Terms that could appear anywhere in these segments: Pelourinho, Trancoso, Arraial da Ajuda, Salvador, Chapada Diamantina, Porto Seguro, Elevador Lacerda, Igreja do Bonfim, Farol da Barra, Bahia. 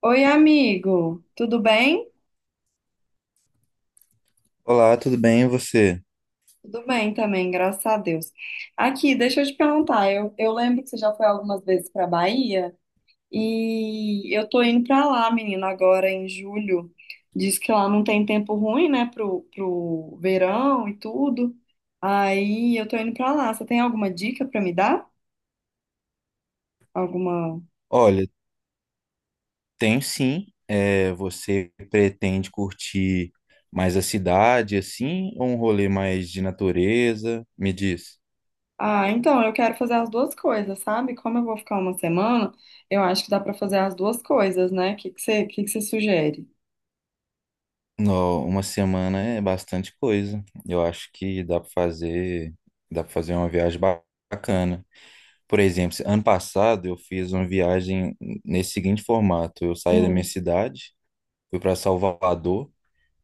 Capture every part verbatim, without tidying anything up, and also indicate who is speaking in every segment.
Speaker 1: Oi, amigo, tudo bem?
Speaker 2: Olá, tudo bem? E você?
Speaker 1: Tudo bem também, graças a Deus. Aqui, deixa eu te perguntar, eu, eu lembro que você já foi algumas vezes para Bahia e eu tô indo para lá, menina, agora em julho. Diz que lá não tem tempo ruim, né, pro, pro verão e tudo. Aí eu tô indo para lá. Você tem alguma dica para me dar? Alguma?
Speaker 2: Olha, tenho sim. É, você pretende curtir mais a cidade, assim, ou um rolê mais de natureza? Me diz.
Speaker 1: Ah, então, eu quero fazer as duas coisas, sabe? Como eu vou ficar uma semana, eu acho que dá para fazer as duas coisas, né? O que que você, que que você sugere?
Speaker 2: Não, uma semana é bastante coisa. Eu acho que dá para fazer, dá para fazer uma viagem ba- bacana. Por exemplo, ano passado eu fiz uma viagem nesse seguinte formato. Eu saí da minha
Speaker 1: Hum.
Speaker 2: cidade, fui para Salvador.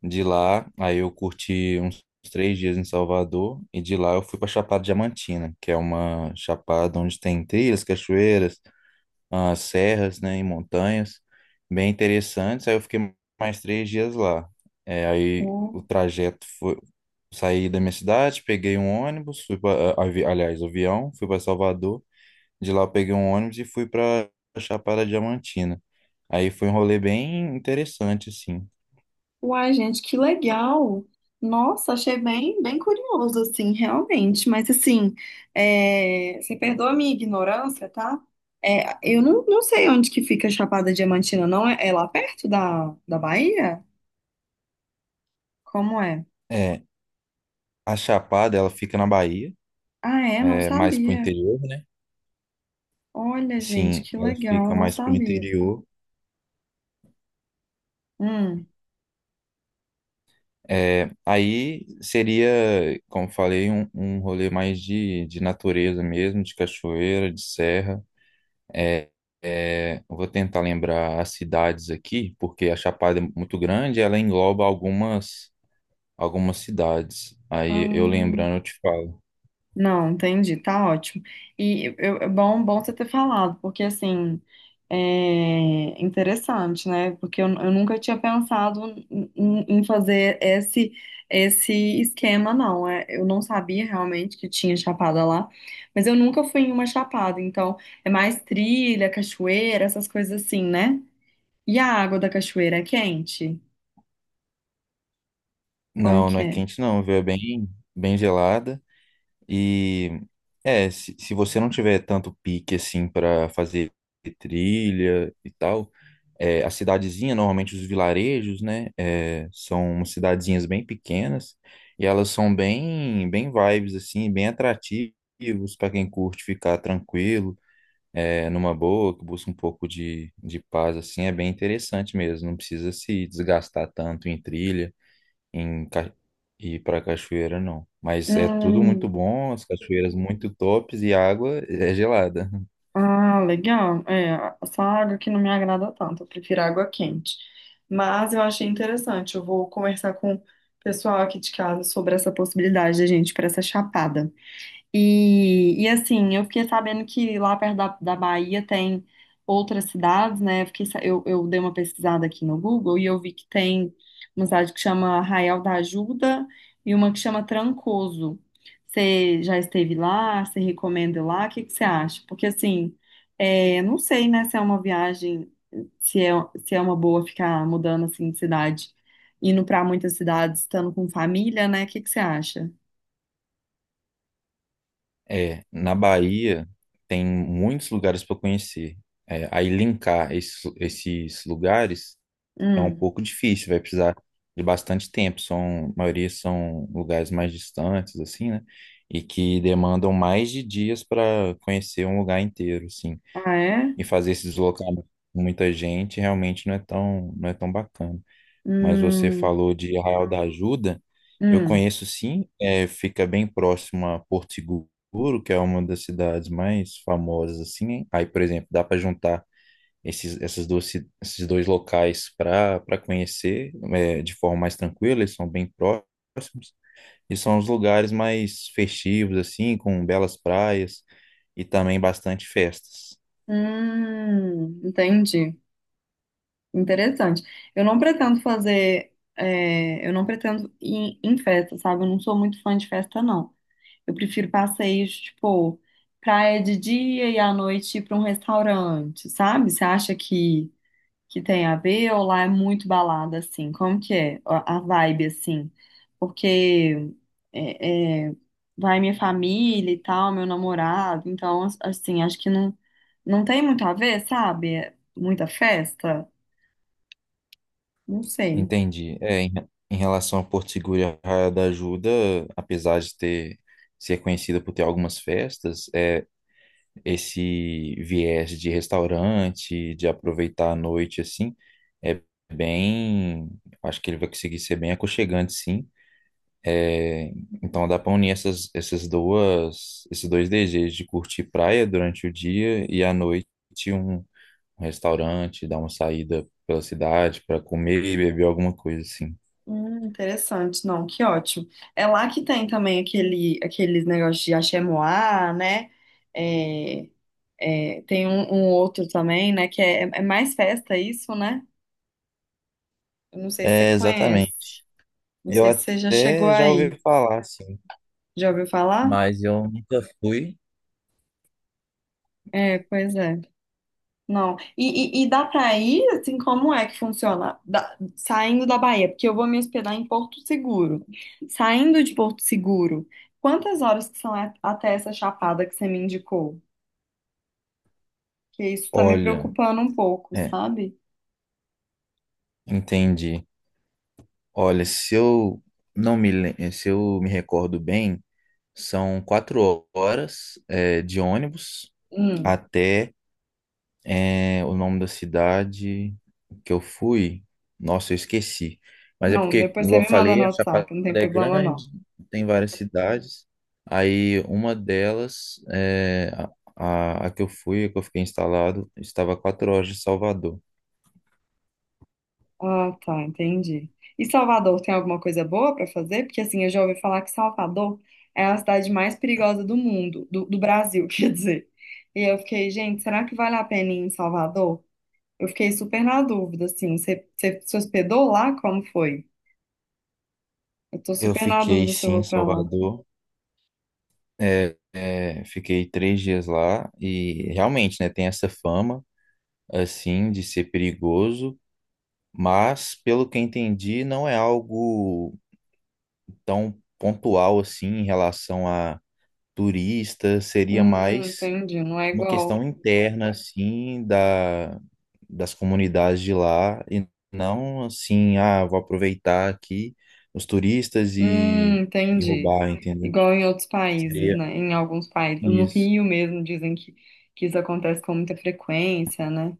Speaker 2: De lá, aí eu curti uns três dias em Salvador e de lá eu fui para Chapada Diamantina, que é uma chapada onde tem trilhas, cachoeiras, ah, serras, né, e montanhas, bem interessantes. Aí eu fiquei mais três dias lá. É, aí o
Speaker 1: Hum.
Speaker 2: trajeto foi saí da minha cidade, peguei um ônibus, fui para, aliás, avião, fui para Salvador. De lá eu peguei um ônibus e fui para Chapada Diamantina. Aí foi um rolê bem interessante, assim.
Speaker 1: Uai, gente, que legal! Nossa, achei bem, bem curioso, assim, realmente. Mas, assim, é, você perdoa a minha ignorância, tá? É, eu não, não sei onde que fica Chapada Diamantina, não. É, é lá perto da, da Bahia? Como é?
Speaker 2: É, A Chapada, ela fica na Bahia,
Speaker 1: Ah, é? Não
Speaker 2: é, mais pro
Speaker 1: sabia.
Speaker 2: interior, né?
Speaker 1: Olha, gente,
Speaker 2: Sim,
Speaker 1: que
Speaker 2: ela fica
Speaker 1: legal, não
Speaker 2: mais pro
Speaker 1: sabia.
Speaker 2: interior.
Speaker 1: Hum.
Speaker 2: É, aí seria, como falei, um, um rolê mais de, de natureza mesmo, de cachoeira, de serra. É, é, eu vou tentar lembrar as cidades aqui, porque a Chapada é muito grande, ela engloba algumas, algumas cidades. Aí eu
Speaker 1: Hum.
Speaker 2: lembrando, eu te falo.
Speaker 1: Não, entendi, tá ótimo. E eu, é bom, bom você ter falado, porque assim, é interessante, né? Porque eu, eu nunca tinha pensado em, em- em fazer esse esse esquema, não. É, eu não sabia realmente que tinha chapada lá, mas eu nunca fui em uma chapada, então é mais trilha, cachoeira, essas coisas assim, né? E a água da cachoeira é quente? Como
Speaker 2: Não, não
Speaker 1: que
Speaker 2: é
Speaker 1: é?
Speaker 2: quente não, viu? É bem, bem gelada. E é, se, se você não tiver tanto pique assim para fazer trilha e tal, é, a cidadezinha, normalmente os vilarejos, né, é, são umas cidadezinhas bem pequenas e elas são bem, bem vibes assim, bem atrativos para quem curte ficar tranquilo, é, numa boa, que busca um pouco de, de paz assim, é bem interessante mesmo, não precisa se desgastar tanto em trilha em Ca- e para cachoeira não. Mas é tudo muito
Speaker 1: Hum.
Speaker 2: bom, as cachoeiras muito tops e a água é gelada.
Speaker 1: Ah, legal. É, essa água que não me agrada tanto, eu prefiro água quente. Mas eu achei interessante, eu vou conversar com o pessoal aqui de casa sobre essa possibilidade da gente ir para essa chapada. E, e assim, eu fiquei sabendo que lá perto da, da Bahia tem outras cidades, né? Eu, fiquei sa- eu, eu dei uma pesquisada aqui no Google e eu vi que tem uma cidade que chama Arraial da Ajuda e uma que chama Trancoso. Você já esteve lá? Você recomenda ir lá? O que que você acha? Porque assim, é, não sei, né, se é uma viagem, se é, se é uma boa ficar mudando assim de cidade, indo para muitas cidades, estando com família, né? O que que você acha?
Speaker 2: É, na Bahia tem muitos lugares para conhecer. É, aí linkar esses, esses lugares é um
Speaker 1: Hum.
Speaker 2: pouco difícil, vai precisar de bastante tempo. São, a maioria são lugares mais distantes, assim, né? E que demandam mais de dias para conhecer um lugar inteiro, assim.
Speaker 1: Ah, é?
Speaker 2: E fazer esse deslocamento com muita gente realmente não é tão, não é tão bacana. Mas você
Speaker 1: Hum,
Speaker 2: falou de Arraial da Ajuda. Eu
Speaker 1: hum,
Speaker 2: conheço sim, é, fica bem próximo a Porto Seguro, que é uma das cidades mais famosas assim. Hein? Aí, por exemplo, dá para juntar esses, essas duas, ci- esses dois locais para para conhecer é, de forma mais tranquila. Eles são bem próximos e são os lugares mais festivos assim, com belas praias e também bastante festas.
Speaker 1: hum, entendi. Interessante. Eu não pretendo fazer, é, eu não pretendo ir em festa, sabe? Eu não sou muito fã de festa, não. Eu prefiro passeios, tipo, praia de dia e à noite ir pra um restaurante, sabe? Você acha que que tem a ver ou lá é muito balada, assim? Como que é a a vibe, assim? Porque é, é, vai minha família e tal, meu namorado, então, as- assim, acho que não, não tem muito a ver, sabe? É muita festa? Não sei.
Speaker 2: Entendi. É, em, em relação a Porto Seguro e a Raia da Ajuda, apesar de ter ser conhecida por ter algumas festas, é esse viés de restaurante, de aproveitar a noite assim, é bem, acho que ele vai conseguir ser bem aconchegante, sim. É, então dá para unir essas, essas duas, esses dois desejos de curtir praia durante o dia e à noite um, um restaurante, dar uma saída pela cidade para comer e beber alguma coisa assim.
Speaker 1: Hum, interessante, não, que ótimo. É lá que tem também aquele, aqueles negócios de axé-moá, né? É, é, tem um, um outro também, né? Que é, é mais festa isso, né? Eu não sei se você
Speaker 2: É, exatamente.
Speaker 1: conhece. Não
Speaker 2: Eu
Speaker 1: sei se você já chegou
Speaker 2: até já ouvi
Speaker 1: aí.
Speaker 2: falar, assim,
Speaker 1: Já ouviu falar?
Speaker 2: mas eu nunca fui.
Speaker 1: É, pois é. Não. E, e, e dá pra ir, assim, como é que funciona? Da- saindo da Bahia, porque eu vou me hospedar em Porto Seguro. Saindo de Porto Seguro, quantas horas que são a- até essa chapada que você me indicou? Que isso tá me
Speaker 2: Olha,
Speaker 1: preocupando um pouco,
Speaker 2: é,
Speaker 1: sabe?
Speaker 2: entendi. Olha, se eu não me, lem- se eu me recordo bem, são quatro horas, é, de ônibus
Speaker 1: Hum.
Speaker 2: até É, o nome da cidade que eu fui, nossa, eu esqueci. Mas é
Speaker 1: Não,
Speaker 2: porque,
Speaker 1: depois você
Speaker 2: igual
Speaker 1: me
Speaker 2: eu
Speaker 1: manda no
Speaker 2: falei, a Chapada
Speaker 1: WhatsApp, não tem
Speaker 2: é
Speaker 1: problema não.
Speaker 2: grande, tem várias cidades. Aí uma delas, é, a, a a que eu fui, a que eu fiquei instalado, estava a quatro horas de Salvador.
Speaker 1: Ah, tá, entendi. E Salvador tem alguma coisa boa pra fazer? Porque assim, eu já ouvi falar que Salvador é a cidade mais perigosa do mundo, do, do Brasil, quer dizer. E eu fiquei, gente, será que vale a pena ir em Salvador? Eu fiquei super na dúvida, assim. Você, você se hospedou lá? Como foi? Eu tô
Speaker 2: Eu
Speaker 1: super na
Speaker 2: fiquei,
Speaker 1: dúvida se eu
Speaker 2: sim, em
Speaker 1: vou pra lá.
Speaker 2: Salvador. É, é, fiquei três dias lá e realmente, né, tem essa fama, assim, de ser perigoso, mas, pelo que eu entendi, não é algo tão pontual assim em relação a turistas, seria
Speaker 1: Hum,
Speaker 2: mais
Speaker 1: entendi. Não é
Speaker 2: uma
Speaker 1: igual.
Speaker 2: questão interna assim da, das comunidades de lá e não assim, ah, vou aproveitar aqui os turistas
Speaker 1: Hum,
Speaker 2: e, e
Speaker 1: entendi.
Speaker 2: roubar, entendeu?
Speaker 1: Igual em outros países,
Speaker 2: Seria
Speaker 1: né? Em alguns países. No
Speaker 2: isso.
Speaker 1: Rio mesmo dizem que, que isso acontece com muita frequência, né?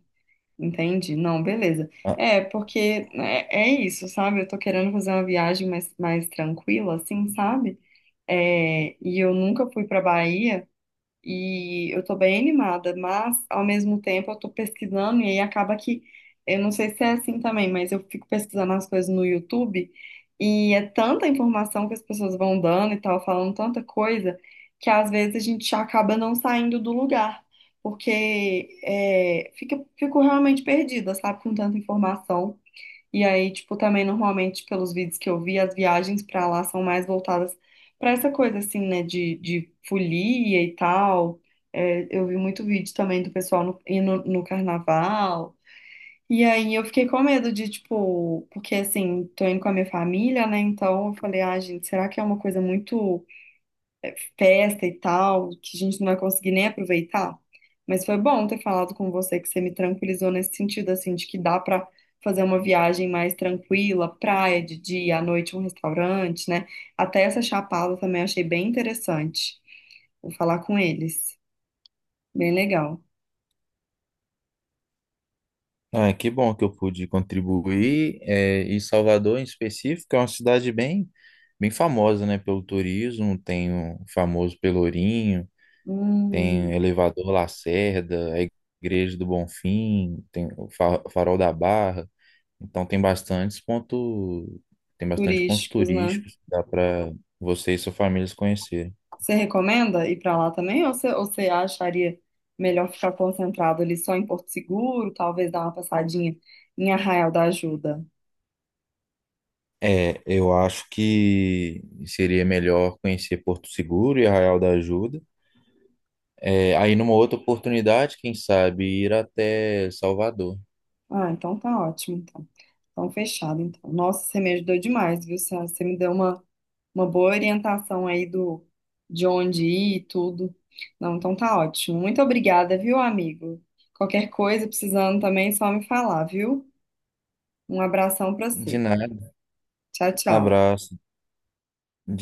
Speaker 1: Entendi. Não, beleza.
Speaker 2: Ah,
Speaker 1: É, porque é, é isso, sabe? Eu tô querendo fazer uma viagem mais, mais tranquila, assim, sabe? É, e eu nunca fui pra Bahia. E eu tô bem animada, mas ao mesmo tempo eu tô pesquisando e aí acaba que, eu não sei se é assim também, mas eu fico pesquisando as coisas no YouTube e é tanta informação que as pessoas vão dando e tal, falando tanta coisa, que às vezes a gente acaba não saindo do lugar, porque é, fica, fico realmente perdida, sabe, com tanta informação. E aí, tipo, também normalmente pelos vídeos que eu vi, as viagens pra lá são mais voltadas pra essa coisa assim, né, de, de folia e tal. É, eu vi muito vídeo também do pessoal no, indo no carnaval. E aí eu fiquei com medo de, tipo, porque assim, tô indo com a minha família, né? Então eu falei, ah, gente, será que é uma coisa muito festa e tal, que a gente não vai conseguir nem aproveitar. Mas foi bom ter falado com você, que você me tranquilizou nesse sentido, assim, de que dá pra fazer uma viagem mais tranquila, praia de dia, à noite um restaurante, né? Até essa Chapada também achei bem interessante. Vou falar com eles. Bem legal.
Speaker 2: ah, que bom que eu pude contribuir. É, e Salvador, em específico, é uma cidade bem, bem famosa, né, pelo turismo. Tem o famoso Pelourinho, tem o
Speaker 1: Hum,
Speaker 2: Elevador Lacerda, a Igreja do Bonfim, tem o Fa- Farol da Barra. Então tem bastantes pontos, tem bastante pontos
Speaker 1: turísticos, né?
Speaker 2: turísticos que dá para você e sua família se conhecerem.
Speaker 1: Você recomenda ir pra lá também ou você, ou você acharia melhor ficar concentrado ali só em Porto Seguro, talvez dar uma passadinha em Arraial da Ajuda?
Speaker 2: É, eu acho que seria melhor conhecer Porto Seguro e Arraial da Ajuda. É, aí numa outra oportunidade, quem sabe ir até Salvador.
Speaker 1: Ah, então tá ótimo, então. Então fechado, então. Nossa, você me ajudou demais, viu, Sá? Você me deu uma, uma boa orientação aí do de onde ir e tudo. Não, então tá ótimo. Muito obrigada, viu, amigo? Qualquer coisa precisando também, é só me falar, viu? Um abração pra
Speaker 2: De
Speaker 1: você.
Speaker 2: nada.
Speaker 1: Tchau, tchau.
Speaker 2: Abraço. De